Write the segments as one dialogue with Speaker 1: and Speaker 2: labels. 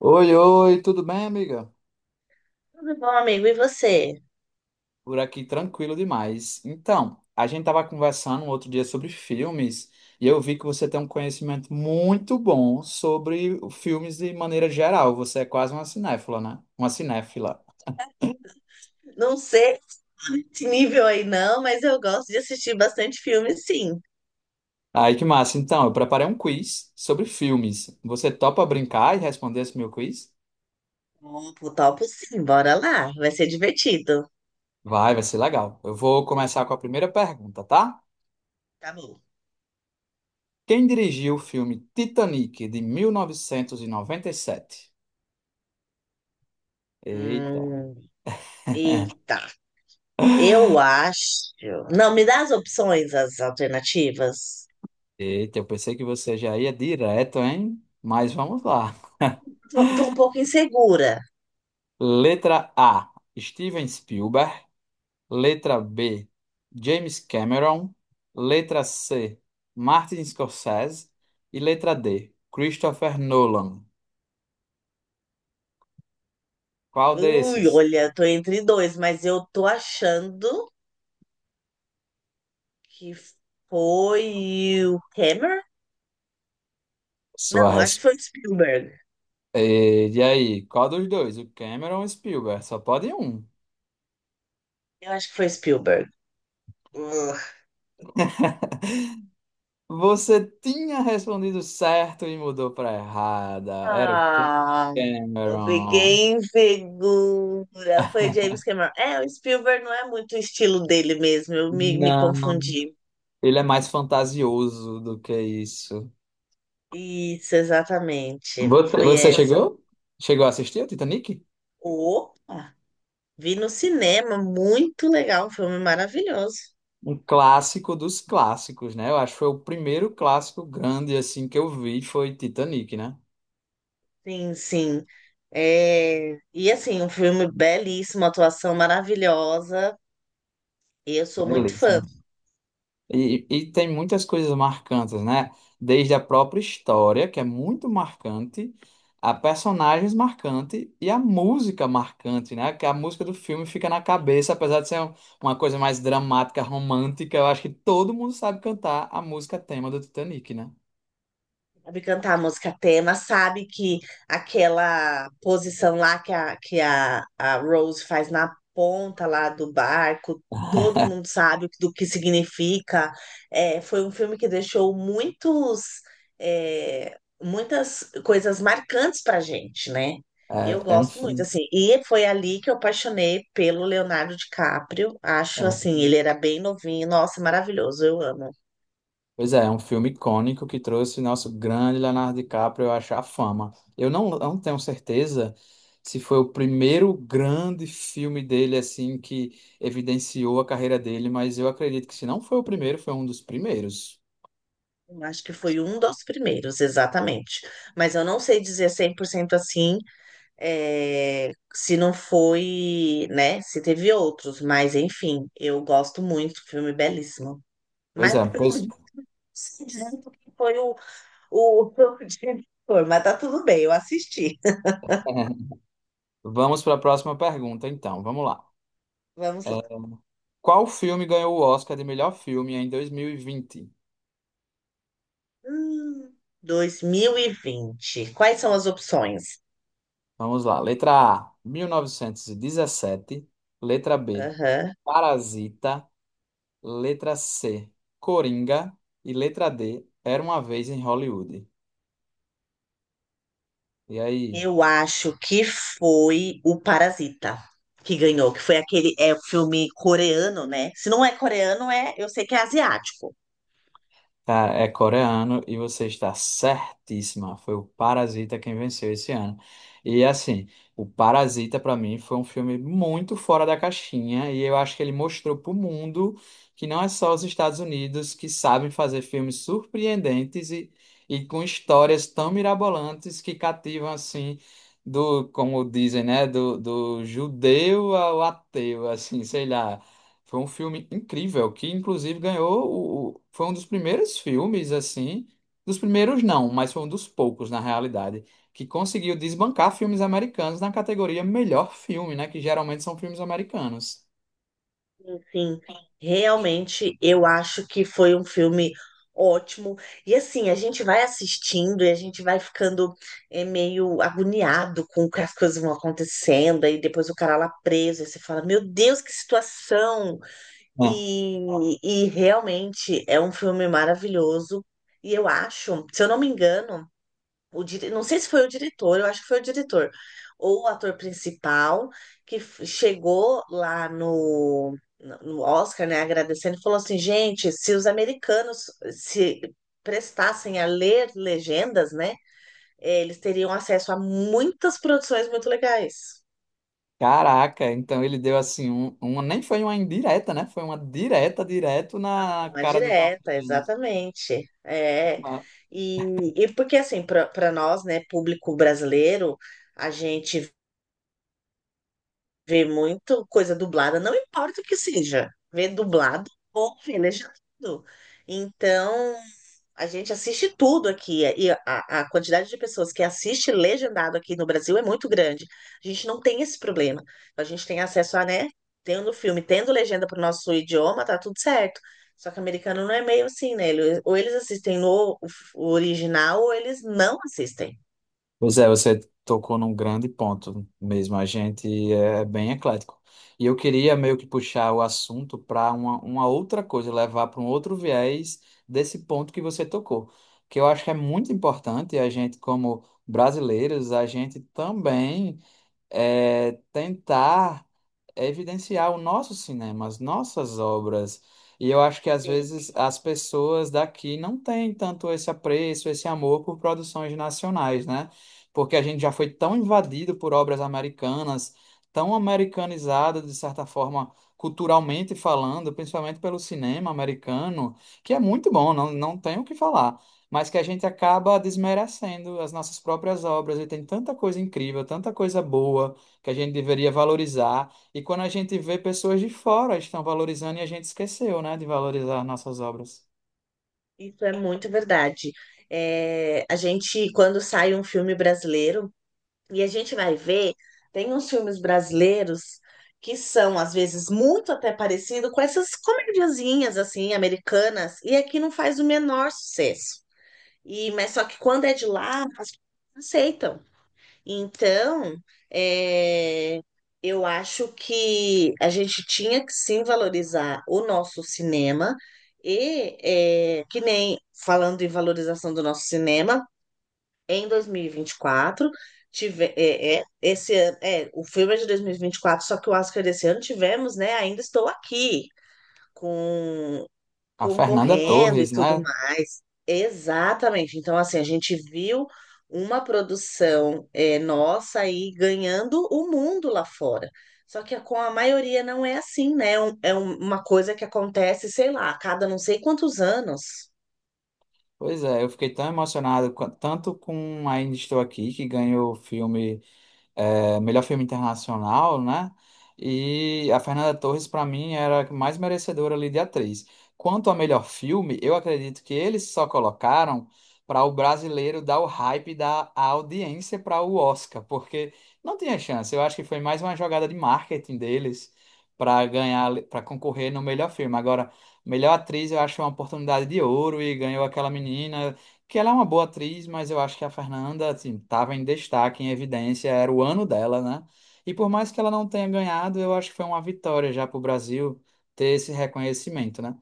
Speaker 1: Oi, oi, tudo bem, amiga?
Speaker 2: Tudo bom, amigo? E você?
Speaker 1: Por aqui tranquilo demais. Então, a gente estava conversando um outro dia sobre filmes e eu vi que você tem um conhecimento muito bom sobre filmes de maneira geral. Você é quase uma cinéfila, né? Uma cinéfila.
Speaker 2: Não sei esse nível aí não, mas eu gosto de assistir bastante filme, sim.
Speaker 1: Aí que massa. Então, eu preparei um quiz sobre filmes. Você topa brincar e responder esse meu quiz?
Speaker 2: Topo, topo, sim. Bora lá. Vai ser divertido.
Speaker 1: Vai ser legal. Eu vou começar com a primeira pergunta, tá?
Speaker 2: Tá bom.
Speaker 1: Quem dirigiu o filme Titanic de mil novecentos e noventa e sete? Eita.
Speaker 2: Hum, eita. Eu acho... Não, me dá as opções, as alternativas.
Speaker 1: Eita, eu pensei que você já ia direto, hein? Mas vamos lá.
Speaker 2: Tô um pouco insegura.
Speaker 1: Letra A, Steven Spielberg. Letra B, James Cameron. Letra C, Martin Scorsese. E letra D, Christopher Nolan. Qual
Speaker 2: Ui,
Speaker 1: desses?
Speaker 2: olha, tô entre dois, mas eu tô achando que foi o Hammer?
Speaker 1: Sua
Speaker 2: Não, acho que
Speaker 1: resposta.
Speaker 2: foi o Spielberg.
Speaker 1: E aí, qual dos dois? O Cameron ou o Spielberg? Só pode um.
Speaker 2: Eu acho que foi Spielberg.
Speaker 1: Você tinha respondido certo e mudou para errada. Era o
Speaker 2: Ah, eu
Speaker 1: Cameron.
Speaker 2: fiquei insegura. Foi James Cameron. É, o Spielberg não é muito o estilo dele mesmo. Eu me
Speaker 1: Não.
Speaker 2: confundi.
Speaker 1: Ele é mais fantasioso do que isso.
Speaker 2: Isso, exatamente.
Speaker 1: Você,
Speaker 2: Foi
Speaker 1: você
Speaker 2: essa.
Speaker 1: chegou? Chegou a assistir o Titanic?
Speaker 2: Opa! Vi no cinema. Muito legal. Um filme maravilhoso.
Speaker 1: Um clássico dos clássicos, né? Eu acho que foi o primeiro clássico grande assim que eu vi foi Titanic, né?
Speaker 2: Sim, sim. É, e assim, um filme belíssimo, atuação maravilhosa. E eu sou muito
Speaker 1: Beleza.
Speaker 2: fã.
Speaker 1: E tem muitas coisas marcantes, né? Desde a própria história, que é muito marcante, a personagens marcante e a música marcante, né? Que a música do filme fica na cabeça, apesar de ser uma coisa mais dramática, romântica, eu acho que todo mundo sabe cantar a música tema do Titanic, né?
Speaker 2: Sabe cantar a música tema, sabe que aquela posição lá que a Rose faz na ponta lá do barco, todo mundo sabe do que significa. É, foi um filme que deixou muitos, é, muitas coisas marcantes pra gente, né? Eu
Speaker 1: É, é um
Speaker 2: gosto muito,
Speaker 1: filme.
Speaker 2: assim, e foi ali que eu apaixonei pelo Leonardo DiCaprio. Acho assim, ele era bem novinho, nossa, maravilhoso, eu amo.
Speaker 1: Pois é, é um filme icônico que trouxe nosso grande Leonardo DiCaprio a achar fama. Eu não tenho certeza se foi o primeiro grande filme dele assim que evidenciou a carreira dele, mas eu acredito que se não foi o primeiro, foi um dos primeiros.
Speaker 2: Eu acho que foi um dos primeiros, exatamente. Mas eu não sei dizer cem por cento assim, é, se não foi, né? Se teve outros, mas enfim, eu gosto muito, filme belíssimo.
Speaker 1: Pois
Speaker 2: Mas
Speaker 1: é,
Speaker 2: eu não
Speaker 1: pois
Speaker 2: sei direito quem foi o, o diretor, mas tá tudo bem, eu assisti.
Speaker 1: vamos para a próxima pergunta, então. Vamos lá.
Speaker 2: Vamos
Speaker 1: É,
Speaker 2: lá.
Speaker 1: qual filme ganhou o Oscar de melhor filme em 2020.
Speaker 2: Hum, 2020. Quais são as opções?
Speaker 1: Vamos lá. Letra A, 1917. Letra B,
Speaker 2: Aham.
Speaker 1: Parasita. Letra C, Coringa. E letra D, Era uma vez em Hollywood. E aí?
Speaker 2: Eu acho que foi o Parasita que ganhou, que foi aquele é o filme coreano, né? Se não é coreano, é, eu sei que é asiático.
Speaker 1: Cara, é coreano e você está certíssima. Foi o Parasita quem venceu esse ano. E assim, o Parasita pra mim foi um filme muito fora da caixinha e eu acho que ele mostrou pro mundo que não é só os Estados Unidos que sabem fazer filmes surpreendentes e com histórias tão mirabolantes que cativam assim do, como dizem, né, do judeu ao ateu, assim, sei lá. Foi um filme incrível, que inclusive ganhou foi um dos primeiros filmes assim, dos primeiros não, mas foi um dos poucos na realidade, que conseguiu desbancar filmes americanos na categoria melhor filme, né, que geralmente são filmes americanos.
Speaker 2: Enfim, realmente eu acho que foi um filme ótimo. E assim, a gente vai assistindo e a gente vai ficando meio agoniado com o que as coisas vão acontecendo, aí depois o cara lá preso, aí você fala, meu Deus, que situação!
Speaker 1: Ah.
Speaker 2: E, e realmente é um filme maravilhoso. E eu acho, se eu não me engano, não sei se foi o diretor, eu acho que foi o diretor, ou o ator principal, que chegou lá no Oscar, né, agradecendo, e falou assim: gente, se os americanos se prestassem a ler legendas, né, eles teriam acesso a muitas produções muito legais.
Speaker 1: Caraca, então ele deu assim um, uma nem foi uma indireta, né? Foi uma direta direto na
Speaker 2: Uma
Speaker 1: cara dos
Speaker 2: direta,
Speaker 1: americanos.
Speaker 2: exatamente. É. E porque, assim, para nós, né, público brasileiro, a gente vê muito coisa dublada, não importa o que seja, vê dublado ou vê legendado. Então, a gente assiste tudo aqui, e a quantidade de pessoas que assiste legendado aqui no Brasil é muito grande. A gente não tem esse problema. A gente tem acesso a, né? Tendo filme, tendo legenda para o nosso idioma, tá tudo certo. Só que o americano não é meio assim, né? Ou eles assistem no o original, ou eles não assistem.
Speaker 1: Pois é, você tocou num grande ponto mesmo. A gente é bem eclético. E eu queria meio que puxar o assunto para uma outra coisa, levar para um outro viés desse ponto que você tocou, que eu acho que é muito importante a gente, como brasileiros, a gente também tentar evidenciar o nosso cinema, as nossas obras. E eu acho que às
Speaker 2: Sim.
Speaker 1: vezes as pessoas daqui não têm tanto esse apreço, esse amor por produções nacionais, né? Porque a gente já foi tão invadido por obras americanas, tão americanizado, de certa forma, culturalmente falando, principalmente pelo cinema americano, que é muito bom, não tenho o que falar. Mas que a gente acaba desmerecendo as nossas próprias obras, e tem tanta coisa incrível, tanta coisa boa que a gente deveria valorizar. E quando a gente vê pessoas de fora estão valorizando e a gente esqueceu, né, de valorizar nossas obras.
Speaker 2: Isso é muito verdade. É, a gente, quando sai um filme brasileiro, e a gente vai ver, tem uns filmes brasileiros que são, às vezes, muito até parecido com essas comediazinhas, assim, americanas, e aqui não faz o menor sucesso. Mas só que quando é de lá, as pessoas aceitam. Então, é, eu acho que a gente tinha que sim valorizar o nosso cinema, e que nem falando em valorização do nosso cinema em dois mil e vinte e quatro. Tive, esse ano, o filme é de dois mil e vinte e quatro, só que o Oscar desse ano tivemos, né? Ainda estou aqui, com
Speaker 1: A Fernanda
Speaker 2: concorrendo e
Speaker 1: Torres,
Speaker 2: tudo
Speaker 1: né?
Speaker 2: mais. Exatamente. Então, assim, a gente viu uma produção nossa aí ganhando o mundo lá fora. Só que com a maioria não é assim, né? Uma coisa que acontece, sei lá, a cada não sei quantos anos.
Speaker 1: Pois é, eu fiquei tão emocionado, tanto com Ainda Estou Aqui, que ganhou o filme melhor filme internacional, né? E a Fernanda Torres, para mim, era a que mais merecedora ali de atriz. Quanto ao melhor filme, eu acredito que eles só colocaram para o brasileiro dar o hype da a audiência para o Oscar, porque não tinha chance. Eu acho que foi mais uma jogada de marketing deles para ganhar, para concorrer no melhor filme. Agora, melhor atriz, eu acho uma oportunidade de ouro e ganhou aquela menina que ela é uma boa atriz, mas eu acho que a Fernanda, assim, estava em destaque, em evidência, era o ano dela, né? E por mais que ela não tenha ganhado, eu acho que foi uma vitória já para o Brasil ter esse reconhecimento, né?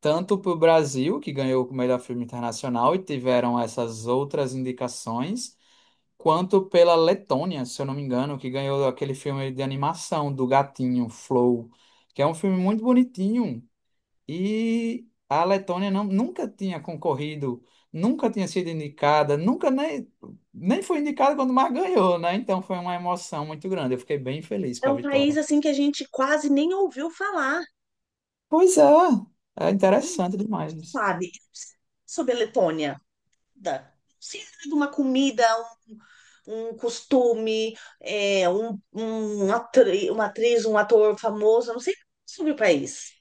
Speaker 1: Tanto para o Brasil, que ganhou o melhor filme internacional e tiveram essas outras indicações, quanto pela Letônia, se eu não me engano, que ganhou aquele filme de animação do gatinho, Flow, que é um filme muito bonitinho, e a Letônia não, nunca tinha concorrido, nunca tinha sido indicada, nunca nem foi indicada quando mais ganhou, né? Então foi uma emoção muito grande. Eu fiquei bem feliz
Speaker 2: É
Speaker 1: com a
Speaker 2: um país
Speaker 1: vitória.
Speaker 2: assim que a gente quase nem ouviu falar,
Speaker 1: Pois é, é interessante demais. Isso.
Speaker 2: sabe? Sobre a Letônia. Não de uma comida, um costume, uma atriz, um ator famoso, eu não sei sobre o país.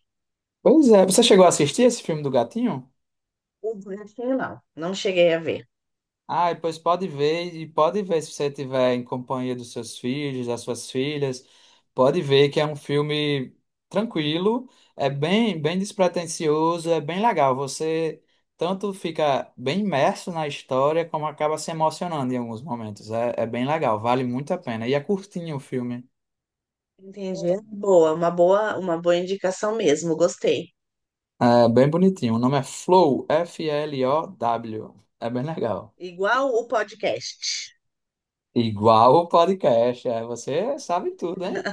Speaker 1: Pois é, você chegou a assistir esse filme do Gatinho?
Speaker 2: O Brasil, não, não cheguei a ver.
Speaker 1: Ah, e pois pode ver, e pode ver se você estiver em companhia dos seus filhos, das suas filhas, pode ver que é um filme tranquilo, é bem, bem despretensioso, é bem legal. Você tanto fica bem imerso na história, como acaba se emocionando em alguns momentos. É, é bem legal, vale muito a pena. E é curtinho o filme,
Speaker 2: Entendi. Boa, uma boa indicação mesmo, gostei.
Speaker 1: é bem bonitinho. O nome é Flow, Flow. É bem legal.
Speaker 2: Igual o podcast.
Speaker 1: Igual o podcast, é, você sabe tudo, hein?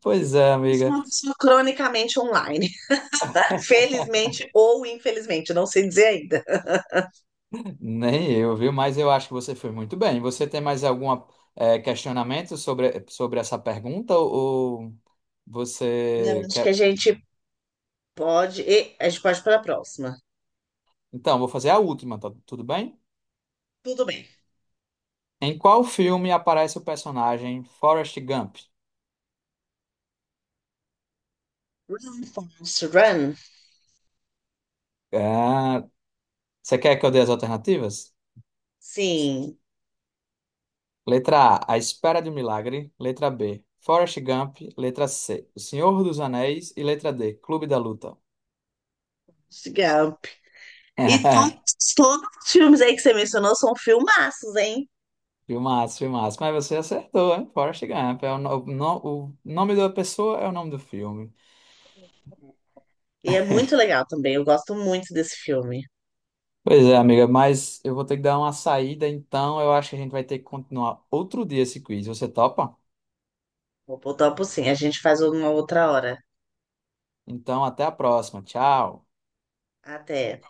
Speaker 1: Pois é,
Speaker 2: Eu sou
Speaker 1: amiga.
Speaker 2: uma pessoa cronicamente online. Felizmente ou infelizmente, não sei dizer ainda.
Speaker 1: Nem eu, viu? Mas eu acho que você foi muito bem. Você tem mais algum questionamento sobre essa pergunta? Ou
Speaker 2: Não,
Speaker 1: você
Speaker 2: acho que a
Speaker 1: quer.
Speaker 2: gente pode. e A gente pode para a próxima.
Speaker 1: Então, vou fazer a última, tá tudo bem?
Speaker 2: Tudo bem.
Speaker 1: Em qual filme aparece o personagem Forrest Gump?
Speaker 2: Run, Forrest, Run.
Speaker 1: Ah, você quer que eu dê as alternativas?
Speaker 2: Sim,
Speaker 1: Letra A Espera de um Milagre. Letra B, Forrest Gump. Letra C, O Senhor dos Anéis. E letra D, Clube da Luta.
Speaker 2: legal. E todos, todos os filmes aí que você mencionou são filmaços, hein?
Speaker 1: Filmaço, filmaço. Mas você acertou, hein? Forrest Gump. É o, no- o no- o nome da pessoa é o nome do filme.
Speaker 2: E é muito legal também. Eu gosto muito desse filme.
Speaker 1: Pois é, amiga, mas eu vou ter que dar uma saída, então eu acho que a gente vai ter que continuar outro dia esse quiz. Você topa?
Speaker 2: Vou botar por sim. A gente faz uma outra hora.
Speaker 1: Então, até a próxima. Tchau.
Speaker 2: Até.